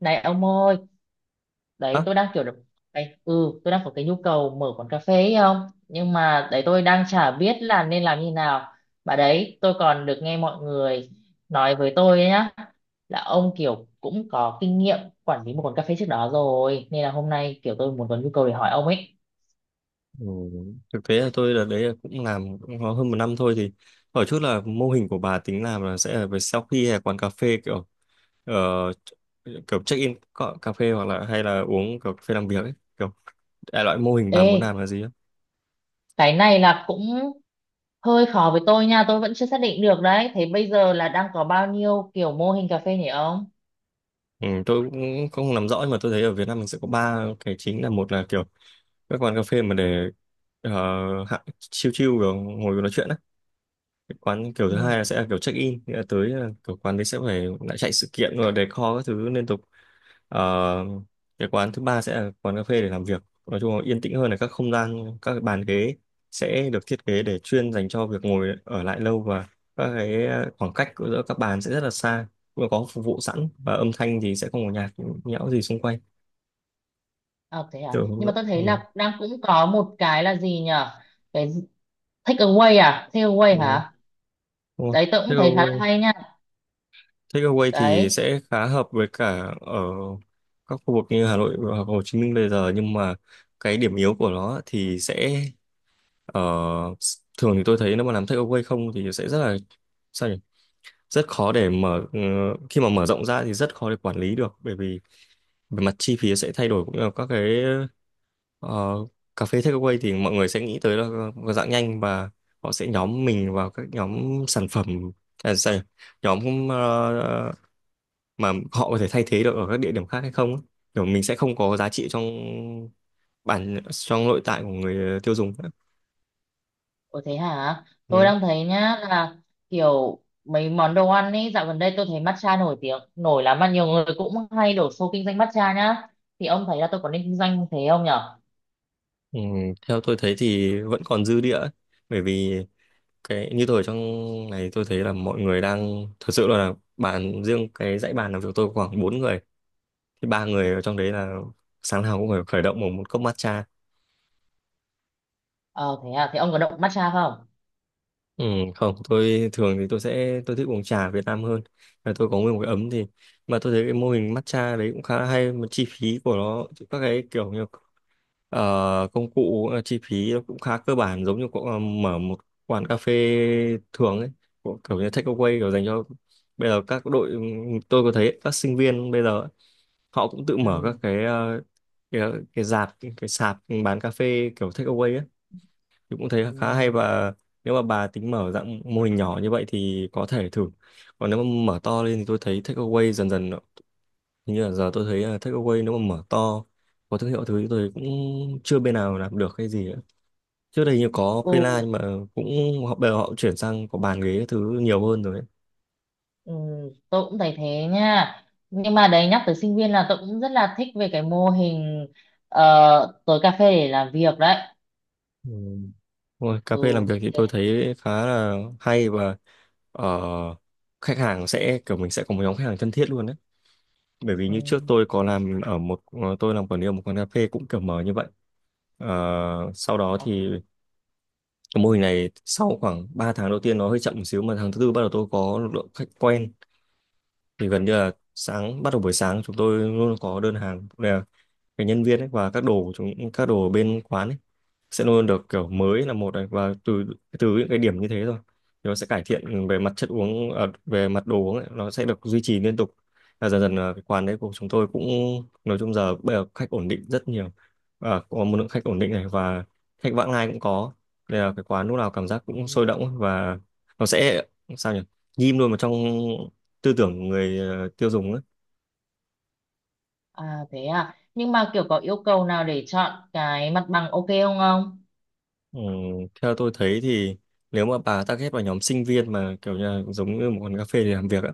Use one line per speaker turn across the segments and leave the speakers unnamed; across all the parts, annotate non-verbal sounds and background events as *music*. Này ông ơi, đấy
Đó.
tôi đang kiểu được đấy, tôi đang có cái nhu cầu mở quán cà phê ấy không? Nhưng mà đấy tôi đang chả biết là nên làm như nào. Bà đấy, tôi còn được nghe mọi người nói với tôi ấy nhá, là ông kiểu cũng có kinh nghiệm quản lý một quán cà phê trước đó rồi, nên là hôm nay kiểu tôi muốn có nhu cầu để hỏi ông ấy.
Ừ. Thực tế là tôi là đấy là cũng làm cũng có hơn một năm thôi, thì hỏi chút là mô hình của bà tính làm là sẽ là về sau khi hay là quán cà phê kiểu, ờ, kiểu cà phê, hoặc là hay là uống kiểu cà phê làm việc ấy, kiểu đại loại mô hình bà muốn
Ê,
làm là gì á?
cái này là cũng hơi khó với tôi nha, tôi vẫn chưa xác định được đấy. Thế bây giờ là đang có bao nhiêu kiểu mô hình cà phê nhỉ ông?
Ừ, tôi cũng không nắm rõ, nhưng mà tôi thấy ở Việt Nam mình sẽ có ba cái chính, là một là kiểu các quán cà phê mà để hạ chill chill kiểu ngồi nói chuyện á. Cái quán kiểu thứ
Ừ.
hai là sẽ là kiểu check in, nghĩa là tới là kiểu quán đấy sẽ phải lại chạy sự kiện rồi decor các thứ liên tục. Ờ, cái quán thứ ba sẽ là quán cà phê để làm việc, nói chung là yên tĩnh hơn, là các không gian, các cái bàn ghế sẽ được thiết kế để chuyên dành cho việc ngồi ở lại lâu, và các cái, khoảng cách giữa các bàn sẽ rất là xa, cũng có phục vụ sẵn, và âm thanh thì sẽ không có nhạc nhẽo gì xung quanh.
Ờ, thế à?
Kiểu,
Nhưng mà tôi
ừ,
thấy là đang cũng có một cái là gì nhở? Cái gì- Take away à? Take away
ừ,
hả?
đúng rồi.
Đấy tôi
Thế
cũng thấy khá là
rồi
hay nha.
takeaway thì
Đấy.
sẽ khá hợp với cả ở các khu vực như Hà Nội hoặc Hồ Chí Minh bây giờ, nhưng mà cái điểm yếu của nó thì sẽ ở, thường thì tôi thấy nếu mà làm takeaway không thì sẽ rất là, sao nhỉ? Rất khó để mở, khi mà mở rộng ra thì rất khó để quản lý được, bởi vì về mặt chi phí sẽ thay đổi, cũng như là các cái, ờ, cà phê takeaway thì mọi người sẽ nghĩ tới là một dạng nhanh, và họ sẽ nhóm mình vào các nhóm sản phẩm, à, sao nhỉ? Nhóm, mà họ có thể thay thế được ở các địa điểm khác hay không ấy. Kiểu mình sẽ không có giá trị trong bản, trong nội tại của người tiêu dùng nữa.
Ủa thế hả? Tôi
Ừ.
đang thấy nhá là kiểu mấy món đồ ăn ấy dạo gần đây tôi thấy matcha nổi tiếng nổi lắm, mà nhiều người cũng hay đổ xô kinh doanh matcha nhá. Thì ông thấy là tôi có nên kinh doanh thế không nhở?
Ừ, theo tôi thấy thì vẫn còn dư địa ấy. Bởi vì cái như tôi ở trong này, tôi thấy là mọi người đang thật sự là bàn riêng, cái dãy bàn làm việc tôi khoảng bốn người, thì ba người ở trong đấy là sáng nào cũng phải khởi động bằng một cốc matcha.
Ờ thế à? Thế ông có động matcha không?
Ừ, không, tôi thường thì tôi thích uống trà Việt Nam hơn, là tôi có nguyên một cái ấm thì, mà tôi thấy cái mô hình matcha đấy cũng khá hay, mà chi phí của nó các cái kiểu như, công cụ, chi phí nó cũng khá cơ bản giống như cậu, mở một quán cà phê thường ấy, kiểu như take away kiểu dành cho bây giờ các đội, tôi có thấy các sinh viên bây giờ ấy, họ cũng tự mở
Ừ.
các cái, cái, cái rạp cái sạp bán cà phê kiểu take away ấy, thì cũng thấy khá hay.
Ừ.
Và nếu mà bà tính mở dạng mô hình nhỏ như vậy thì có thể thử. Còn nếu mà mở to lên thì tôi thấy takeaway dần dần hình như là giờ tôi thấy là takeaway nếu mà mở to có thương hiệu thứ thì tôi cũng chưa bên nào làm được cái gì ấy. Trước đây như có Fela,
Ừ.
nhưng mà cũng, họ bây giờ họ chuyển sang có bàn ghế các thứ nhiều hơn rồi ấy.
Ừ, tôi cũng thấy thế nha, nhưng mà đấy nhắc tới sinh viên là tôi cũng rất là thích về cái mô hình tối cà phê để làm việc đấy.
Ừ. Ôi, cà
Ừ.
phê làm việc thì tôi
thế-
thấy khá là hay, và ờ, khách hàng sẽ kiểu mình sẽ có một nhóm khách hàng thân thiết luôn đấy. Bởi vì
ừ.
như trước tôi có làm ở một, tôi làm quản lý ở một quán cà phê cũng kiểu mở như vậy. Ờ, Sau đó
Ờ.
thì cái mô hình này sau khoảng 3 tháng đầu tiên nó hơi chậm một xíu, mà tháng thứ tư bắt đầu tôi có lượng khách quen, thì gần như là sáng bắt đầu buổi sáng chúng tôi luôn có đơn hàng. Cái nhân viên ấy và các đồ của chúng, các đồ ở bên quán ấy sẽ luôn được kiểu mới là một, này, và từ từ những cái điểm như thế rồi thì nó sẽ cải thiện về mặt chất uống, à, về mặt đồ uống ấy, nó sẽ được duy trì liên tục. Và dần dần là cái quán đấy của chúng tôi cũng, nói chung giờ bây giờ khách ổn định rất nhiều, và có một lượng khách ổn định này, và khách vãng lai cũng có, nên là cái quán lúc nào cảm giác
Ừ.
cũng sôi động, và nó sẽ, sao nhỉ, ghim luôn vào trong tư tưởng người, tiêu dùng ấy.
À, thế à, nhưng mà kiểu có yêu cầu nào để chọn cái mặt bằng ok không ông?
Ừ, theo tôi thấy thì nếu mà bà target vào nhóm sinh viên mà kiểu như là giống như một quán cà phê để làm việc á,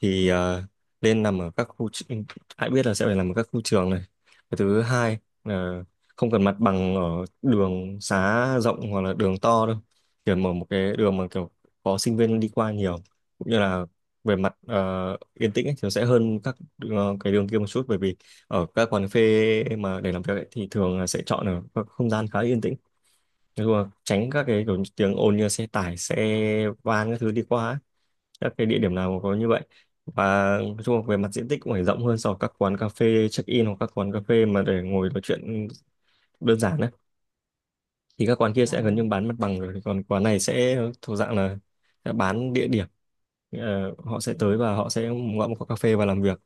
thì nên nằm ở các khu tr- hãy biết là sẽ phải nằm ở các khu trường này. Cái thứ hai là không cần mặt bằng ở đường xá rộng hoặc là đường to đâu, kiểu mở một cái đường mà kiểu có sinh viên đi qua nhiều, cũng như là về mặt, yên tĩnh ấy, thì nó sẽ hơn các, cái đường kia một chút, bởi vì ở các quán cà phê mà để làm việc ấy, thì thường là sẽ chọn ở các không gian khá yên tĩnh, nói chung là tránh các cái kiểu tiếng ồn như là xe tải xe van các thứ đi qua ấy. Các cái địa điểm nào có như vậy, và nói chung là về mặt diện tích cũng phải rộng hơn so với các quán cà phê check in hoặc các quán cà phê mà để ngồi nói chuyện đơn giản đấy, thì các quán kia sẽ gần như bán mặt bằng rồi, còn quán này sẽ thuộc dạng là sẽ bán địa điểm. Ờ, họ sẽ tới
À.
và họ sẽ gọi một quán cà phê và làm việc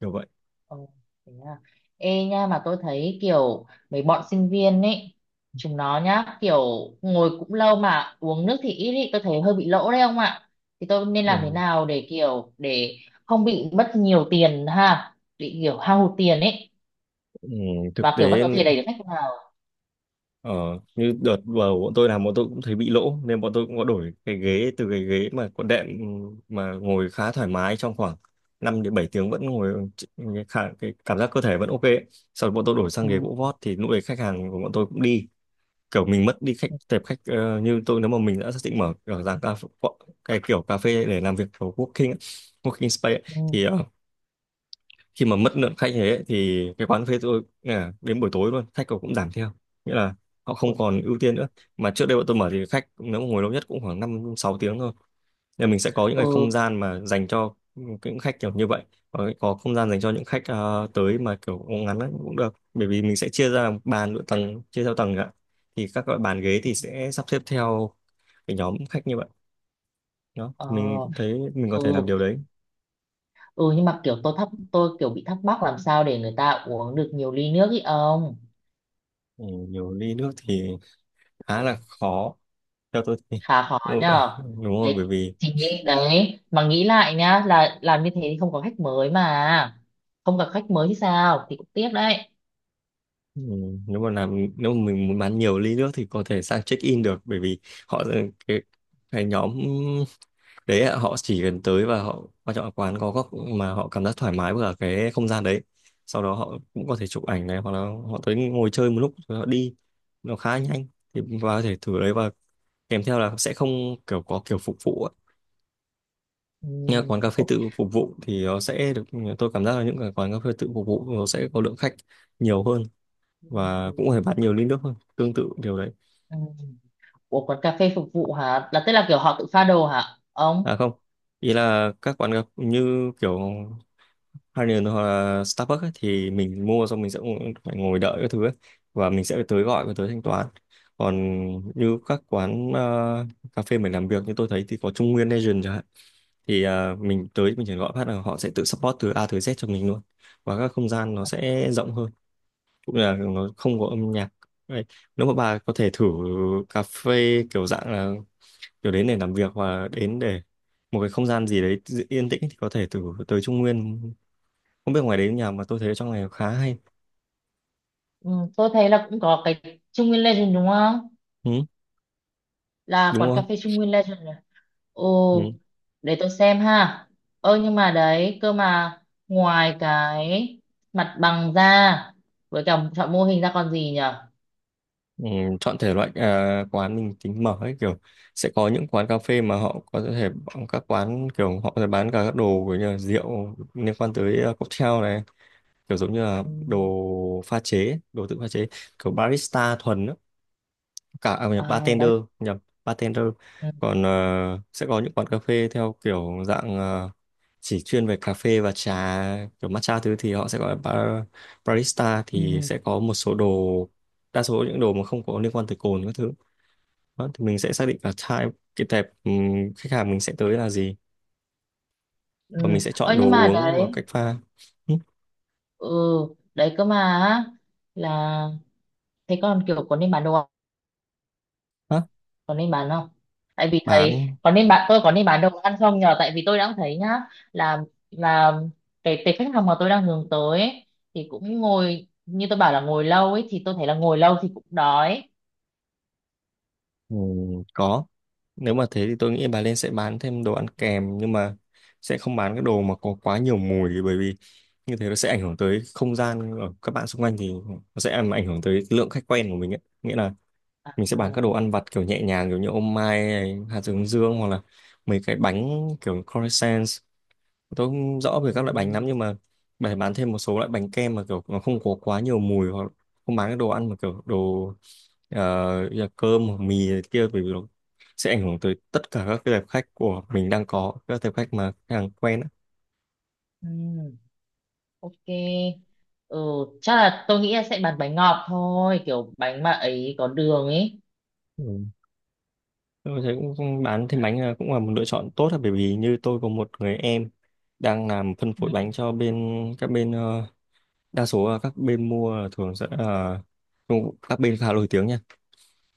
kiểu vậy.
Ồ, thế à. Ê nha, mà tôi thấy kiểu mấy bọn sinh viên ấy chúng nó nhá, kiểu ngồi cũng lâu mà uống nước thì ít ý, tôi thấy hơi bị lỗ đấy ông ạ. Thì tôi nên làm thế
Ừ.
nào để không bị mất nhiều tiền, ha bị kiểu hao hụt tiền ấy,
Ừ, thực
mà kiểu vẫn
tế.
có thể đẩy được khách vào?
Ờ, như đợt vào bọn tôi làm bọn tôi cũng thấy bị lỗ, nên bọn tôi cũng có đổi cái ghế, từ cái ghế mà có đệm mà ngồi khá thoải mái trong khoảng 5 đến 7 tiếng vẫn ngồi cái cảm giác cơ thể vẫn ok ấy. Sau đó bọn tôi đổi sang ghế
Ừ.
gỗ vót, thì lúc đấy khách hàng của bọn tôi cũng đi, kiểu mình mất đi khách, tệp khách, như tôi nếu mà mình đã xác định mở kiểu dạng cái kiểu cà phê để làm việc kiểu working ấy, working space ấy,
Ừ. Ừ.
thì khi mà mất lượng khách như thế ấy, thì cái quán phê tôi là đến buổi tối luôn khách cũng giảm theo, nghĩa là họ
Ủa.
không còn ưu tiên nữa. Mà trước đây bọn tôi mở thì khách nếu mà ngồi lâu nhất cũng khoảng 5 6 tiếng thôi, nên là mình sẽ có những cái
Ừ.
không gian mà dành cho những khách kiểu như vậy, và có không gian dành cho những khách, tới mà kiểu ngắn ấy, cũng được, bởi vì mình sẽ chia ra làm bàn độ tầng, chia theo tầng ạ, thì các loại bàn ghế thì sẽ sắp xếp theo cái nhóm khách như vậy đó,
Ờ.
mình cũng thấy mình có thể làm điều
Ừ.
đấy.
Ừ, nhưng mà kiểu tôi kiểu bị thắc mắc làm sao để người ta uống được nhiều ly nước ý ông?
Ừ, nhiều ly nước thì khá là khó theo tôi thì,
Khá khó
đúng rồi, *laughs*
nhờ.
đúng rồi, bởi
Đấy.
vì,
Thì nghĩ đấy mà nghĩ lại nhá, là làm như thế thì không có khách mới mà, không gặp khách mới thì sao thì cũng tiếc đấy.
ừ, nếu mà làm, nếu mà mình muốn bán nhiều ly nước thì có thể sang check in được, bởi vì họ, ừ, cái cái nhóm đấy ạ, họ chỉ cần tới và họ quan trọng là quán có góc mà họ cảm giác thoải mái với cả cái không gian đấy, sau đó họ cũng có thể chụp ảnh này, hoặc là họ tới ngồi chơi một lúc rồi họ đi, nó khá nhanh, thì và có thể thử đấy, và kèm theo là sẽ không kiểu có kiểu phục vụ.
Ừ,
Nhà quán cà phê
ok.
tự phục vụ thì nó sẽ được, tôi cảm giác là những cái quán cà phê tự phục vụ nó sẽ có lượng khách nhiều hơn và
Ừ.
cũng phải bán nhiều ly nước hơn, tương tự điều đấy.
Ừ. Ủa quán cà phê phục vụ hả, là tức là kiểu họ tự pha đồ hả ông?
À không, ý là các quán cà như kiểu Harnier hoặc là Starbucks ấy, thì mình mua xong mình sẽ phải ngồi đợi cái thứ ấy, và mình sẽ phải tới gọi và tới thanh toán. Còn như các quán, cà phê mình làm việc như tôi thấy thì có Trung Nguyên Legend chẳng hạn, thì à, mình tới mình chỉ gọi phát là họ sẽ tự support từ A tới Z cho mình luôn, và các không gian nó sẽ rộng hơn, cũng là nó không có âm nhạc. Đấy. Nếu mà bà có thể thử cà phê kiểu dạng là kiểu đến để làm việc hoặc là đến để một cái không gian gì đấy yên tĩnh, thì có thể thử tới Trung Nguyên, không biết ngoài đấy nhà, mà tôi thấy ở trong này khá hay.
Ừ, tôi thấy là cũng có cái Trung Nguyên Legend đúng không,
Ừ,
là
đúng
quán
rồi.
cà phê Trung Nguyên Legend rồi.
Ừ.
Ồ. Để tôi xem ha. Ơ nhưng mà đấy, cơ mà ngoài cái mặt bằng ra, với cả chọn mô hình ra còn gì nhở?
Ừ, chọn thể loại, à, quán mình tính mở ấy kiểu sẽ có những quán cà phê mà họ có thể bán, các quán kiểu họ sẽ bán cả các đồ kiểu như là rượu liên quan tới, à, cocktail này, kiểu giống như là
Ừ.
đồ pha chế đồ tự pha chế kiểu barista thuần á, cả à, nhập
À.
bartender,
bãi-
nhập bartender
ừ.
còn sẽ có những quán cà phê theo kiểu dạng, chỉ chuyên về cà phê và trà kiểu matcha thứ, thì họ sẽ gọi là bar, barista,
Ừ.
thì sẽ có một số đồ, đa số những đồ mà không có liên quan tới cồn các thứ. Đó, thì mình sẽ xác định là type cái tệp, khách hàng mình sẽ tới là gì, và mình
Ừ.
sẽ
Ơ
chọn đồ
nhưng mà
uống và
đấy,
cách pha. Ừ,
ừ, đấy cơ mà á, là thế còn kiểu có nên bán đồ,
đó,
còn đi bán không, tại vì thầy
bán.
còn đi bán, tôi còn đi bán đồ ăn không nhờ, tại vì tôi đang thấy nhá, là là cái khách hàng mà tôi đang hướng tới ấy, thì cũng ngồi như tôi bảo là ngồi lâu ấy, thì tôi thấy là ngồi lâu thì cũng đói.
Ừ, có, nếu mà thế thì tôi nghĩ bà Lên sẽ bán thêm đồ ăn kèm, nhưng mà sẽ không bán cái đồ mà có quá nhiều mùi, bởi vì như thế nó sẽ ảnh hưởng tới không gian ở các bạn xung quanh, thì nó sẽ làm ảnh hưởng tới lượng khách quen của mình ấy. Nghĩa là
À.
mình sẽ bán các đồ ăn vặt kiểu nhẹ nhàng kiểu như ô mai này, hạt hướng dương, hoặc là mấy cái bánh kiểu croissants, tôi không rõ về các loại bánh
Ừ.
lắm, nhưng mà bày bán thêm một số loại bánh kem mà kiểu nó không có quá nhiều mùi, hoặc không bán cái đồ ăn mà kiểu đồ, như là cơm hoặc mì này kia, bởi vì nó sẽ ảnh hưởng tới tất cả các cái tệp khách của mình đang có, các tệp khách mà khách hàng quen á.
Ừ. Ok. Ừ, chắc là tôi nghĩ là sẽ bán bánh ngọt thôi, kiểu bánh mà ấy có đường ấy.
Ừ. Tôi thấy cũng cũng bán thêm bánh là cũng là một lựa chọn tốt á, bởi vì như tôi có một người em đang làm phân
Ừ.
phối bánh cho bên các bên, đa số là các bên mua là thường sẽ là, các bên khá nổi tiếng nha.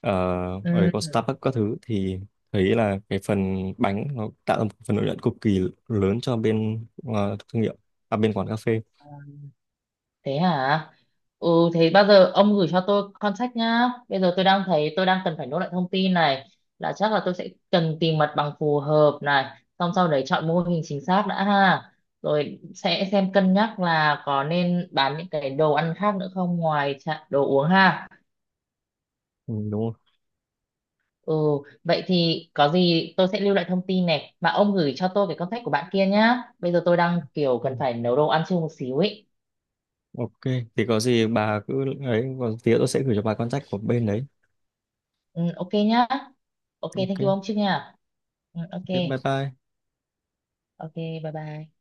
Ờ, ở đấy
Ừ.
có Starbucks các thứ, thì thấy là cái phần bánh nó tạo ra một phần lợi nhuận cực kỳ lớn cho bên, thương hiệu, à bên quán cà phê.
Thế hả? Ừ. Thế bao giờ ông gửi cho tôi contact nhá, bây giờ tôi đang thấy tôi đang cần phải nốt lại thông tin này, là chắc là tôi sẽ cần tìm mặt bằng phù hợp này, xong sau đấy chọn mô hình chính xác đã ha, rồi sẽ xem cân nhắc là có nên bán những cái đồ ăn khác nữa không, ngoài đồ uống ha.
Ừ, đúng không.
Ừ. Vậy thì có gì tôi sẽ lưu lại thông tin này, mà ông gửi cho tôi cái contact của bạn kia nhá, bây giờ tôi đang kiểu
Ừ.
cần phải nấu đồ ăn chưa một xíu ấy.
Ok thì có gì bà cứ ấy, còn tí nữa tôi sẽ gửi cho bà contact của bên đấy.
Ừ, ok nhá. Ok,
Ok.
thank you ông trước nha. Ừ, ok.
Ok bye bye.
Ok, bye bye.